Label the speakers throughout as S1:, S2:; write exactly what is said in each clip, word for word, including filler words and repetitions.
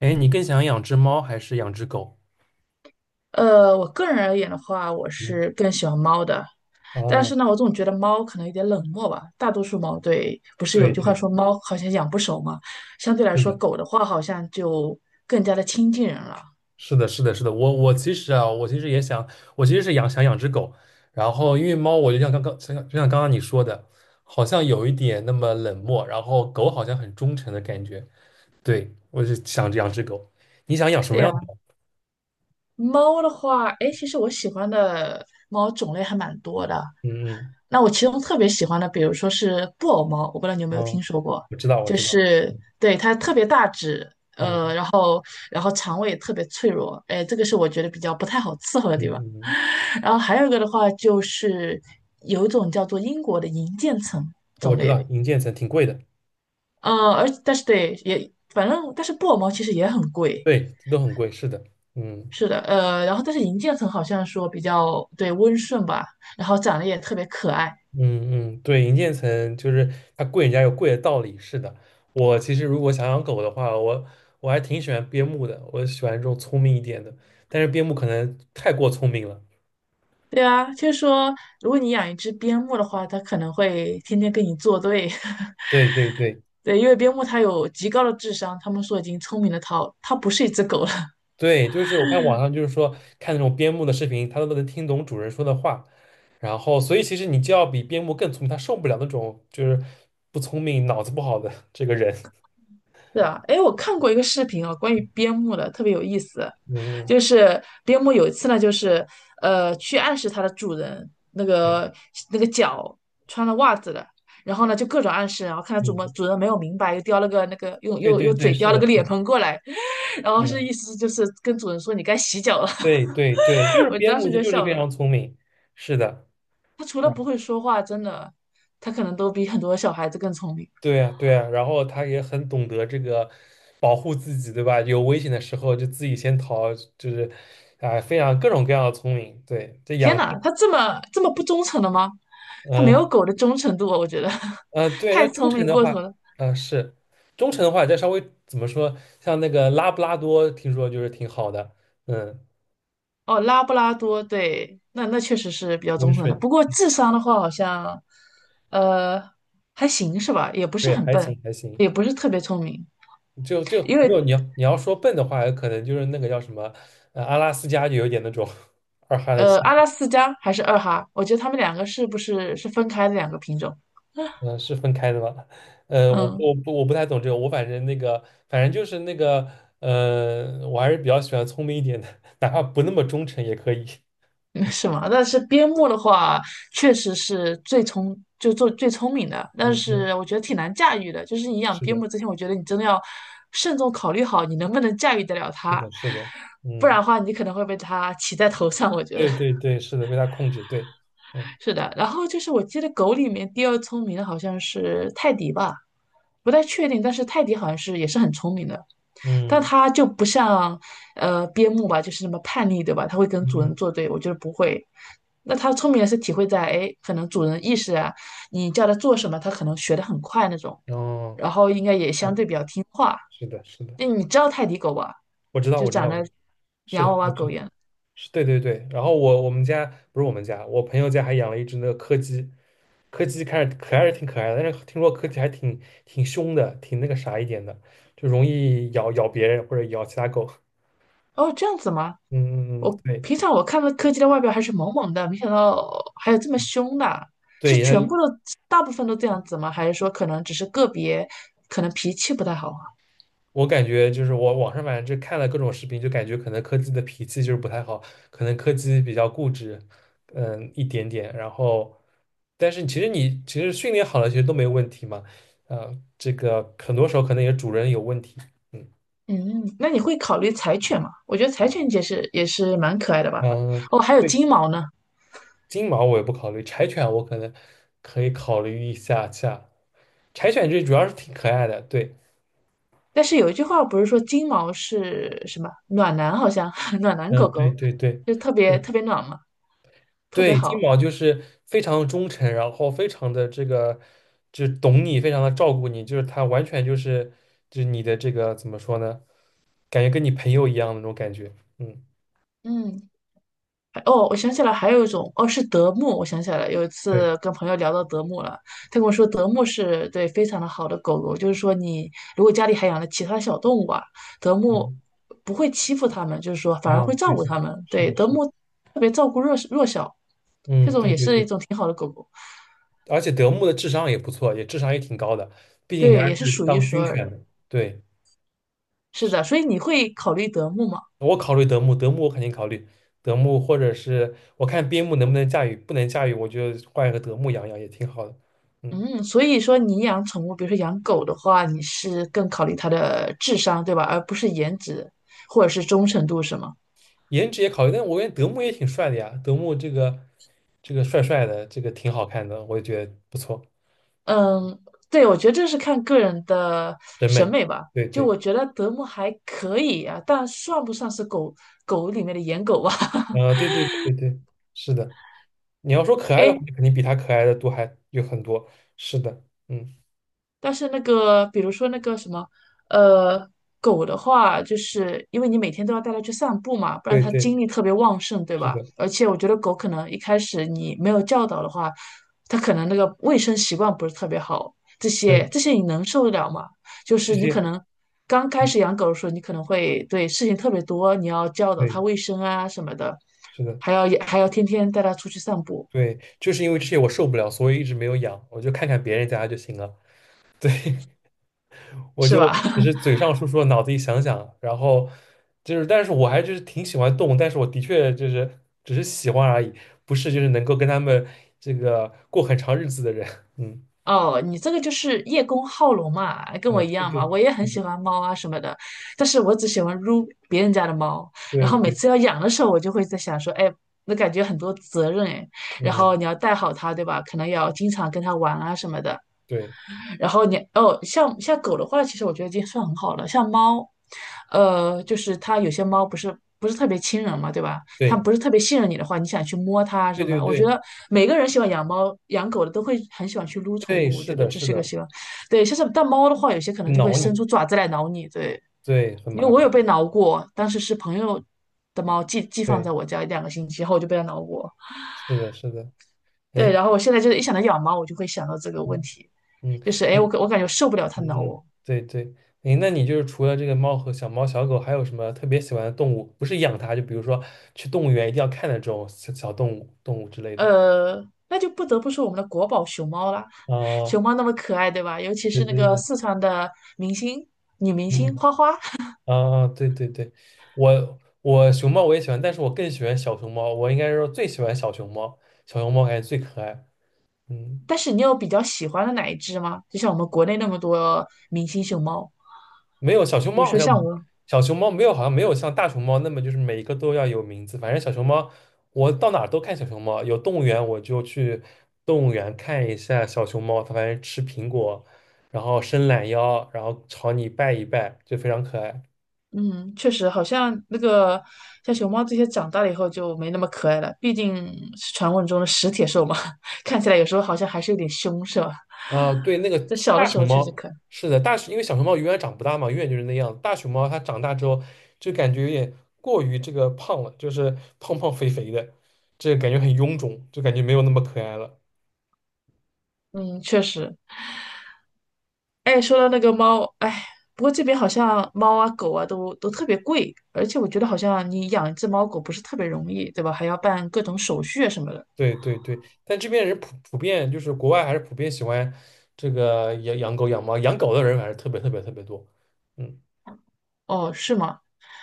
S1: 哎，你更想养只猫还是养只狗？
S2: 呃，我个人而言的话，我
S1: 嗯，
S2: 是更喜欢猫的，但
S1: 哦，
S2: 是呢，我总觉得猫可能有点冷漠吧。大多数猫对，不是有
S1: 对
S2: 句话
S1: 对，
S2: 说猫好像养不熟嘛，相对来
S1: 是
S2: 说，
S1: 的，
S2: 狗的话好像就更加的亲近人了。
S1: 是的，是的，是的。我我其实啊，我其实也想，我其实是养想养只狗，然后因为猫，我就像刚刚，像就像刚刚你说的，好像有一点那么冷漠，然后狗好像很忠诚的感觉。对，我就想着养只狗。你想养什
S2: 对
S1: 么样
S2: 呀，
S1: 的猫？
S2: 猫的话，哎，其实我喜欢的猫种类还蛮多的，
S1: 嗯嗯，
S2: 那我其中特别喜欢的，比如说是布偶猫，我不知道你有没有
S1: 哦，
S2: 听说过，
S1: 我知道，我
S2: 就
S1: 知道，
S2: 是对它特别大只，
S1: 嗯
S2: 呃，然后然后肠胃也特别脆弱，哎，这个是我觉得比较不太好伺候的
S1: 嗯
S2: 地方。
S1: 嗯，嗯
S2: 然后还有一个的话，就是有一种叫做英国的银渐层
S1: 我
S2: 种
S1: 知道，
S2: 类，
S1: 银渐层挺贵的，
S2: 呃，而但是对也反正但是布偶猫其实也很贵，
S1: 对，都很贵，是的，嗯。
S2: 是的，呃，然后但是银渐层好像说比较对温顺吧，然后长得也特别可爱。
S1: 嗯嗯，对，银渐层就是它贵，人家有贵的道理。是的，我其实如果想养狗的话，我我还挺喜欢边牧的，我喜欢这种聪明一点的，但是边牧可能太过聪明了。
S2: 对啊，就是说，如果你养一只边牧的话，它可能会天天跟你作对。
S1: 对对对
S2: 对，因为边牧它有极高的智商，他们说已经聪明的它，它不是一只狗了。
S1: 对，就是我看网上就是说看那种边牧的视频，它都能听懂主人说的话，然后所以其实你就要比边牧更聪明，它受不了那种就是不聪明、脑子不好的这个人。
S2: 是啊，哎，我看过一个视频哦，关于边牧的，特别有意思。
S1: 嗯，嗯
S2: 就是边牧有一次呢，就是呃，去暗示它的主人那
S1: 对，
S2: 个那个脚穿了袜子了，然后呢就各种暗示，然后看它主们
S1: 嗯，
S2: 主人没有明白，又叼了个那个用
S1: 对
S2: 又
S1: 对
S2: 又
S1: 对，
S2: 嘴
S1: 是
S2: 叼了
S1: 的，
S2: 个
S1: 是
S2: 脸
S1: 的，
S2: 盆过来，然后是意
S1: 嗯
S2: 思就是跟主人说你该洗脚了。
S1: 对对对，就 是
S2: 我
S1: 边
S2: 当
S1: 牧，
S2: 时
S1: 它
S2: 就
S1: 就是
S2: 笑
S1: 非
S2: 了，
S1: 常聪明，是的，
S2: 它除了
S1: 啊
S2: 不会说话，真的，它可能都比很多小孩子更聪明。
S1: 对啊对啊，然后它也很懂得这个保护自己，对吧？有危险的时候就自己先逃，就是啊、非常各种各样的聪明。对，这
S2: 天
S1: 养，
S2: 哪，它这么这么不忠诚的吗？它没有
S1: 嗯、
S2: 狗的忠诚度啊我觉得
S1: 呃、对，那
S2: 太
S1: 忠
S2: 聪
S1: 诚
S2: 明
S1: 的
S2: 过头
S1: 话，
S2: 了。
S1: 嗯、是忠诚的话，再稍微怎么说，像那个拉布拉多，听说就是挺好的，嗯，
S2: 哦，拉布拉多，对，那那确实是比较忠
S1: 温
S2: 诚的。
S1: 顺，
S2: 不过智商的话，好像呃还行是吧？也不是
S1: 对，
S2: 很
S1: 还
S2: 笨，
S1: 行还行，
S2: 也不是特别聪明。
S1: 就就
S2: 因
S1: 没有
S2: 为
S1: 你要你要说笨的话，可能就是那个叫什么，呃，阿拉斯加就有点那种 二哈的气，
S2: 呃，阿拉斯加还是二哈，我觉得它们两个是不是是分开的两个品种？
S1: 嗯、是分开的吧？呃，我不
S2: 嗯。
S1: 我不我不太懂这个，我反正那个反正就是那个，呃，我还是比较喜欢聪明一点的，哪怕不那么忠诚也可以。
S2: 没什么，但是边牧的话，确实是最聪，就做最聪明的，但
S1: 嗯嗯，
S2: 是我觉得挺难驾驭的。就是你养
S1: 是
S2: 边
S1: 的，
S2: 牧之前，我觉得你真的要慎重考虑好你能不能驾驭得了
S1: 是
S2: 它，
S1: 的，是的，
S2: 不
S1: 嗯，
S2: 然的话，你可能会被它骑在头上。我觉得
S1: 对对对，是的，被他控制，对，嗯
S2: 是的。然后就是我记得狗里面第二聪明的好像是泰迪吧，不太确定，但是泰迪好像是也是很聪明的。但
S1: 嗯
S2: 它就不像呃边牧吧，就是那么叛逆，对吧？它会跟主人
S1: 嗯，
S2: 作对，我觉得不会。那它聪明是体会在，哎，可能主人意识啊，你叫它做什么，它可能学得很快那种，
S1: 哦，
S2: 然后应该也相对比较听话。
S1: 是的，是的，
S2: 那你知道泰迪狗吧？
S1: 我知道，
S2: 就
S1: 我知
S2: 长
S1: 道，我
S2: 得
S1: 是
S2: 洋娃
S1: 的，
S2: 娃
S1: 我知
S2: 狗
S1: 道。
S2: 一样。
S1: 是对对对，然后我我们家不是我们家，我朋友家还养了一只那个柯基，柯基看着可爱是挺可爱的，但是听说柯基还挺挺凶的，挺那个啥一点的，就容易咬咬别人或者咬其他狗。
S2: 哦，这样子吗？
S1: 嗯嗯嗯，
S2: 我
S1: 对
S2: 平常我看到柯基的外表还是萌萌的，没想到还有这么凶的。是
S1: 对，
S2: 全
S1: 然后
S2: 部的，大部分都这样子吗？还是说可能只是个别，可能脾气不太好？
S1: 我感觉就是我网上反正就看了各种视频，就感觉可能柯基的脾气就是不太好，可能柯基比较固执，嗯一点点，然后但是其实你其实训练好了，其实都没问题嘛，呃，这个很多时候可能也主人有问题。嗯。
S2: 嗯，那你会考虑柴犬吗？我觉得柴犬也是也是蛮可爱的吧。
S1: 嗯，
S2: 哦，还有
S1: 对，
S2: 金毛呢。
S1: 金毛我也不考虑，柴犬我可能可以考虑一下下。柴犬这主要是挺可爱的，对，
S2: 但是有一句话不是说金毛是什么暖男，好像 暖男狗
S1: 嗯，对
S2: 狗，
S1: 对对，
S2: 就特
S1: 是
S2: 别
S1: 的，
S2: 特别暖嘛，特别
S1: 对，金
S2: 好。
S1: 毛就是非常忠诚，然后非常的这个，就懂你，非常的照顾你，就是它完全就是就是你的这个怎么说呢？感觉跟你朋友一样的那种感觉，嗯，
S2: 嗯，还哦，我想起来还有一种，哦，是德牧。我想起来了，有一
S1: 对，
S2: 次跟朋友聊到德牧了，他跟我说德牧是对非常的好的狗狗，就是说你如果家里还养了其他小动物啊，德牧
S1: 嗯，
S2: 不会欺负它们，就是说反而
S1: 啊，
S2: 会照
S1: 对
S2: 顾它
S1: 对，
S2: 们。
S1: 是
S2: 对，
S1: 的，
S2: 德
S1: 是的，
S2: 牧特别照顾弱弱小，这
S1: 嗯，
S2: 种
S1: 对
S2: 也
S1: 对
S2: 是一
S1: 对，
S2: 种挺好的狗狗，
S1: 而且德牧的智商也不错，也智商也挺高的，毕竟人
S2: 对，也
S1: 家
S2: 是
S1: 是
S2: 数一
S1: 当
S2: 数
S1: 军
S2: 二
S1: 犬
S2: 的。
S1: 的，对。
S2: 是的，所以你会考虑德牧吗？
S1: 我考虑德牧，德牧我肯定考虑德牧，或者是我看边牧能不能驾驭，不能驾驭，我就换一个德牧养养也挺好的。嗯，
S2: 嗯，所以说你养宠物，比如说养狗的话，你是更考虑它的智商，对吧？而不是颜值或者是忠诚度，是吗？
S1: 颜值也考虑，但我感觉德牧也挺帅的呀，德牧这个这个帅帅的，这个挺好看的，我也觉得不错，
S2: 嗯，对，我觉得这是看个人的
S1: 审
S2: 审
S1: 美。
S2: 美吧。
S1: 对
S2: 就
S1: 对，
S2: 我觉得德牧还可以啊，但算不上是狗狗里面的颜狗吧？
S1: 啊，对对对对对，是的。你要说可爱的话，
S2: 哎
S1: 肯定比他可爱的多还有很多。是的，嗯，
S2: 但是那个，比如说那个什么，呃，狗的话，就是因为你每天都要带它去散步嘛，不然
S1: 对
S2: 它
S1: 对，
S2: 精力特别旺盛，对
S1: 是
S2: 吧？
S1: 的，
S2: 而且我觉得狗可能一开始你没有教导的话，它可能那个卫生习惯不是特别好，这
S1: 对，
S2: 些这些你能受得了吗？就
S1: 这
S2: 是你
S1: 些，
S2: 可能刚开
S1: 嗯，
S2: 始养狗的时候，你可能会对事情特别多，你要教导
S1: 对，
S2: 它卫生啊什么的，
S1: 是的。
S2: 还要还要天天带它出去散步，
S1: 对，就是因为这些我受不了，所以一直没有养，我就看看别人家就行了，我
S2: 是
S1: 就
S2: 吧？
S1: 只是 嘴上说说，脑子里想想，然后就是，但是我还就是挺喜欢动物，但是我的确就是只是喜欢而已，不是就是能够跟他们这个过很长日子的人，嗯，
S2: 哦，你这个就是叶公好龙嘛，跟
S1: 呃，
S2: 我一
S1: 对
S2: 样
S1: 对，
S2: 嘛，我也很喜
S1: 嗯
S2: 欢猫啊什么的，但是我只喜欢撸别人家的猫，然
S1: 对
S2: 后每
S1: 对，
S2: 次要养的时候，我就会在想说，哎，那感觉很多责任哎，然
S1: 嗯，
S2: 后你要带好它，对吧？可能要经常跟它玩啊什么的，
S1: 对
S2: 然后你哦，像像狗的话，其实我觉得已经算很好了。像猫，呃，就是它有些猫不是不是特别亲人嘛，对吧？它
S1: 对
S2: 不是特别信任你的话，你想去摸它
S1: 对
S2: 什么
S1: 对
S2: 的？我觉
S1: 对
S2: 得每个人喜欢养猫、养狗的都会很喜欢去撸宠
S1: 对，
S2: 物，我
S1: 是
S2: 觉得
S1: 的，
S2: 这
S1: 是
S2: 是一个
S1: 的，
S2: 喜欢。对，像是但猫的话，有些可能就会
S1: 挠
S2: 伸
S1: 你，
S2: 出爪子来挠你，对，
S1: 对，很
S2: 因为
S1: 麻
S2: 我有
S1: 烦，
S2: 被挠过，当时是朋友的猫寄寄放
S1: 对，
S2: 在我家两个星期后，我就被它挠过。
S1: 是的，是的，哎，
S2: 对，然后我现在就是一想到养猫，我就会想到这个问
S1: 嗯
S2: 题，
S1: 嗯。
S2: 就是哎，诶
S1: 哎。
S2: 我感我感觉受不了它挠
S1: 嗯嗯，
S2: 我，
S1: 对对，诶，那你就是除了这个猫和小猫、小狗，还有什么特别喜欢的动物？不是养它，就比如说去动物园一定要看的这种小小动物、动物之类的。
S2: 呃，那就不得不说我们的国宝熊猫啦，
S1: 啊，
S2: 熊猫那么可爱，对吧？尤其
S1: 对
S2: 是那
S1: 对
S2: 个
S1: 对，
S2: 四川的明星女明星
S1: 嗯，
S2: 花花，
S1: 啊，对对对，我我熊猫我也喜欢，但是我更喜欢小熊猫，我应该是说最喜欢小熊猫，小熊猫感觉最可爱。嗯。
S2: 但是你有比较喜欢的哪一只吗？就像我们国内那么多明星熊猫，
S1: 没有小熊
S2: 比如
S1: 猫好
S2: 说像
S1: 像
S2: 我，
S1: 小熊猫没有好像没有像大熊猫那么就是每一个都要有名字，反正小熊猫我到哪儿都看小熊猫，有动物园我就去动物园看一下小熊猫，它反正吃苹果，然后伸懒腰，然后朝你拜一拜，就非常可爱。
S2: 嗯，确实好像那个像熊猫这些长大了以后就没那么可爱了，毕竟是传闻中的食铁兽嘛，看起来有时候好像还是有点凶，是吧？
S1: 啊、对，那个
S2: 在小的
S1: 大
S2: 时
S1: 熊
S2: 候确实
S1: 猫
S2: 可爱。
S1: 是的，大熊因为小熊猫永远长不大嘛，永远就是那样。大熊猫它长大之后就感觉有点过于这个胖了，就是胖胖肥肥的，这个感觉很臃肿，就感觉没有那么可爱了。
S2: 嗯，确实。哎，说到那个猫，哎，不过这边好像猫啊、狗啊都都特别贵，而且我觉得好像你养一只猫狗不是特别容易，对吧？还要办各种手续啊什么的。
S1: 对对对，但这边人普普遍就是国外还是普遍喜欢这个养养狗养猫，养狗的人还是特别特别特别多。嗯，
S2: 哦，是吗？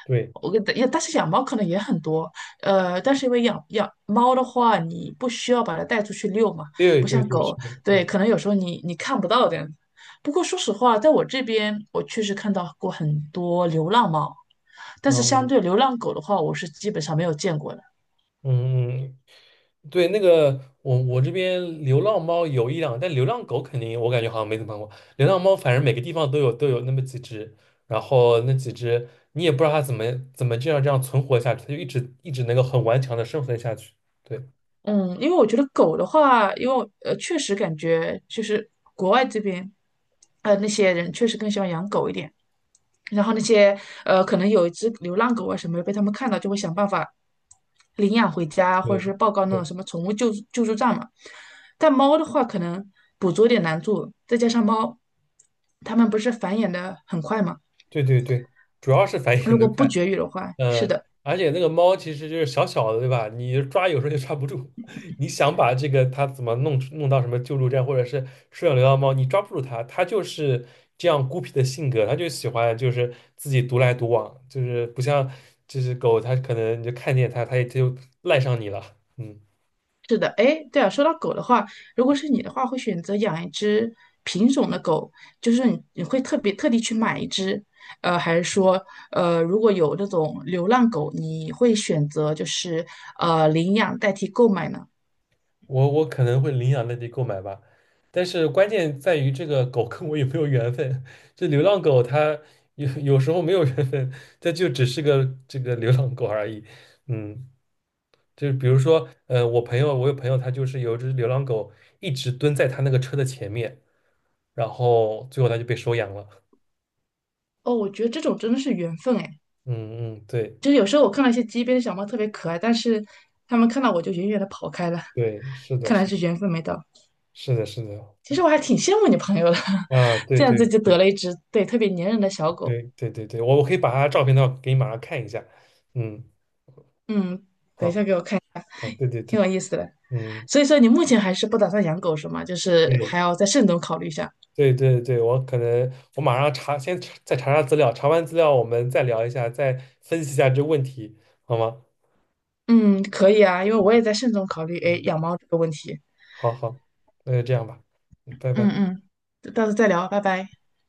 S1: 对
S2: 我跟也，但是养猫可能也很多，呃，但是因为养养猫的话，你不需要把它带出去遛嘛，
S1: 对
S2: 不
S1: 对
S2: 像
S1: 对，是
S2: 狗，
S1: 的，
S2: 对，
S1: 嗯
S2: 可能有时候你你看不到这样子。不过说实话，在我这边，我确实看到过很多流浪猫，但
S1: 嗯
S2: 是相
S1: 嗯
S2: 对流浪狗的话，我是基本上没有见过的。
S1: 嗯，对，那个我我这边流浪猫有一两，但流浪狗肯定我感觉好像没怎么看过。流浪猫反正每个地方都有都有那么几只，然后那几只你也不知道它怎么怎么这样这样存活下去，它就一直一直能够很顽强的生存下去。对
S2: 嗯，因为我觉得狗的话，因为我呃，确实感觉就是国外这边，呃，那些人确实更喜欢养狗一点。然后那些呃，可能有一只流浪狗啊什么的被他们看到就会想办法领养回家，或者
S1: 对
S2: 是报告那种
S1: 对
S2: 什么宠物救助救助站嘛。但猫的话，可能捕捉有点难度，再加上猫，它们不是繁衍的很快嘛，
S1: 对对对，主要是繁衍
S2: 如果
S1: 的
S2: 不
S1: 快。
S2: 绝育的话，是
S1: 嗯，
S2: 的。
S1: 而且那个猫其实就是小小的，对吧？你抓有时候就抓不住，你想把这个它怎么弄出弄到什么救助站或者是收养流浪猫，你抓不住它，它就是这样孤僻的性格，它就喜欢就是自己独来独往，就是不像就是狗，它可能你就看见它，它也它就赖上你了。嗯。
S2: 是的，哎，对啊，说到狗的话，如果是你的话，会选择养一只品种的狗，就是你你会特别特地去买一只，呃，还是说，呃，如果有那种流浪狗，你会选择就是呃领养代替购买呢？
S1: 我我可能会领养那地购买吧，但是关键在于这个狗跟我有没有缘分。这流浪狗它有有时候没有缘分，它就只是个这个流浪狗而已。嗯，就是比如说，呃，我朋友，我有朋友，他就是有一只流浪狗一直蹲在他那个车的前面，然后最后他就被收养了。
S2: 哦，我觉得这种真的是缘分哎，
S1: 嗯嗯，对
S2: 就是有时候我看到一些街边的小猫特别可爱，但是它们看到我就远远的跑开了，
S1: 对，是的，
S2: 看
S1: 是
S2: 来是缘分没到。
S1: 是的，是的，
S2: 其实我还挺羡慕你朋友的，
S1: 啊，对
S2: 这样子
S1: 对
S2: 就得了一只对特别粘人的小狗。
S1: 对对对对，我我可以把他照片的话给你马上看一下。嗯，
S2: 嗯，等一
S1: 好，
S2: 下给我看。
S1: 好，对对
S2: 挺
S1: 对，
S2: 有意思的。
S1: 嗯。
S2: 所以说你目前还是不打算养狗是吗？就是
S1: 嗯，
S2: 还要再慎重考虑一下。
S1: 对对对，我可能我马上查，先查再查查资料，查完资料我们再聊一下，再分析一下这问题，好吗？
S2: 嗯，可以啊，因为我也在慎重考虑，哎，
S1: 嗯，
S2: 养猫这个问题。
S1: 好好，那就这样吧，嗯拜
S2: 嗯
S1: 拜。
S2: 嗯，到时候再聊，拜拜。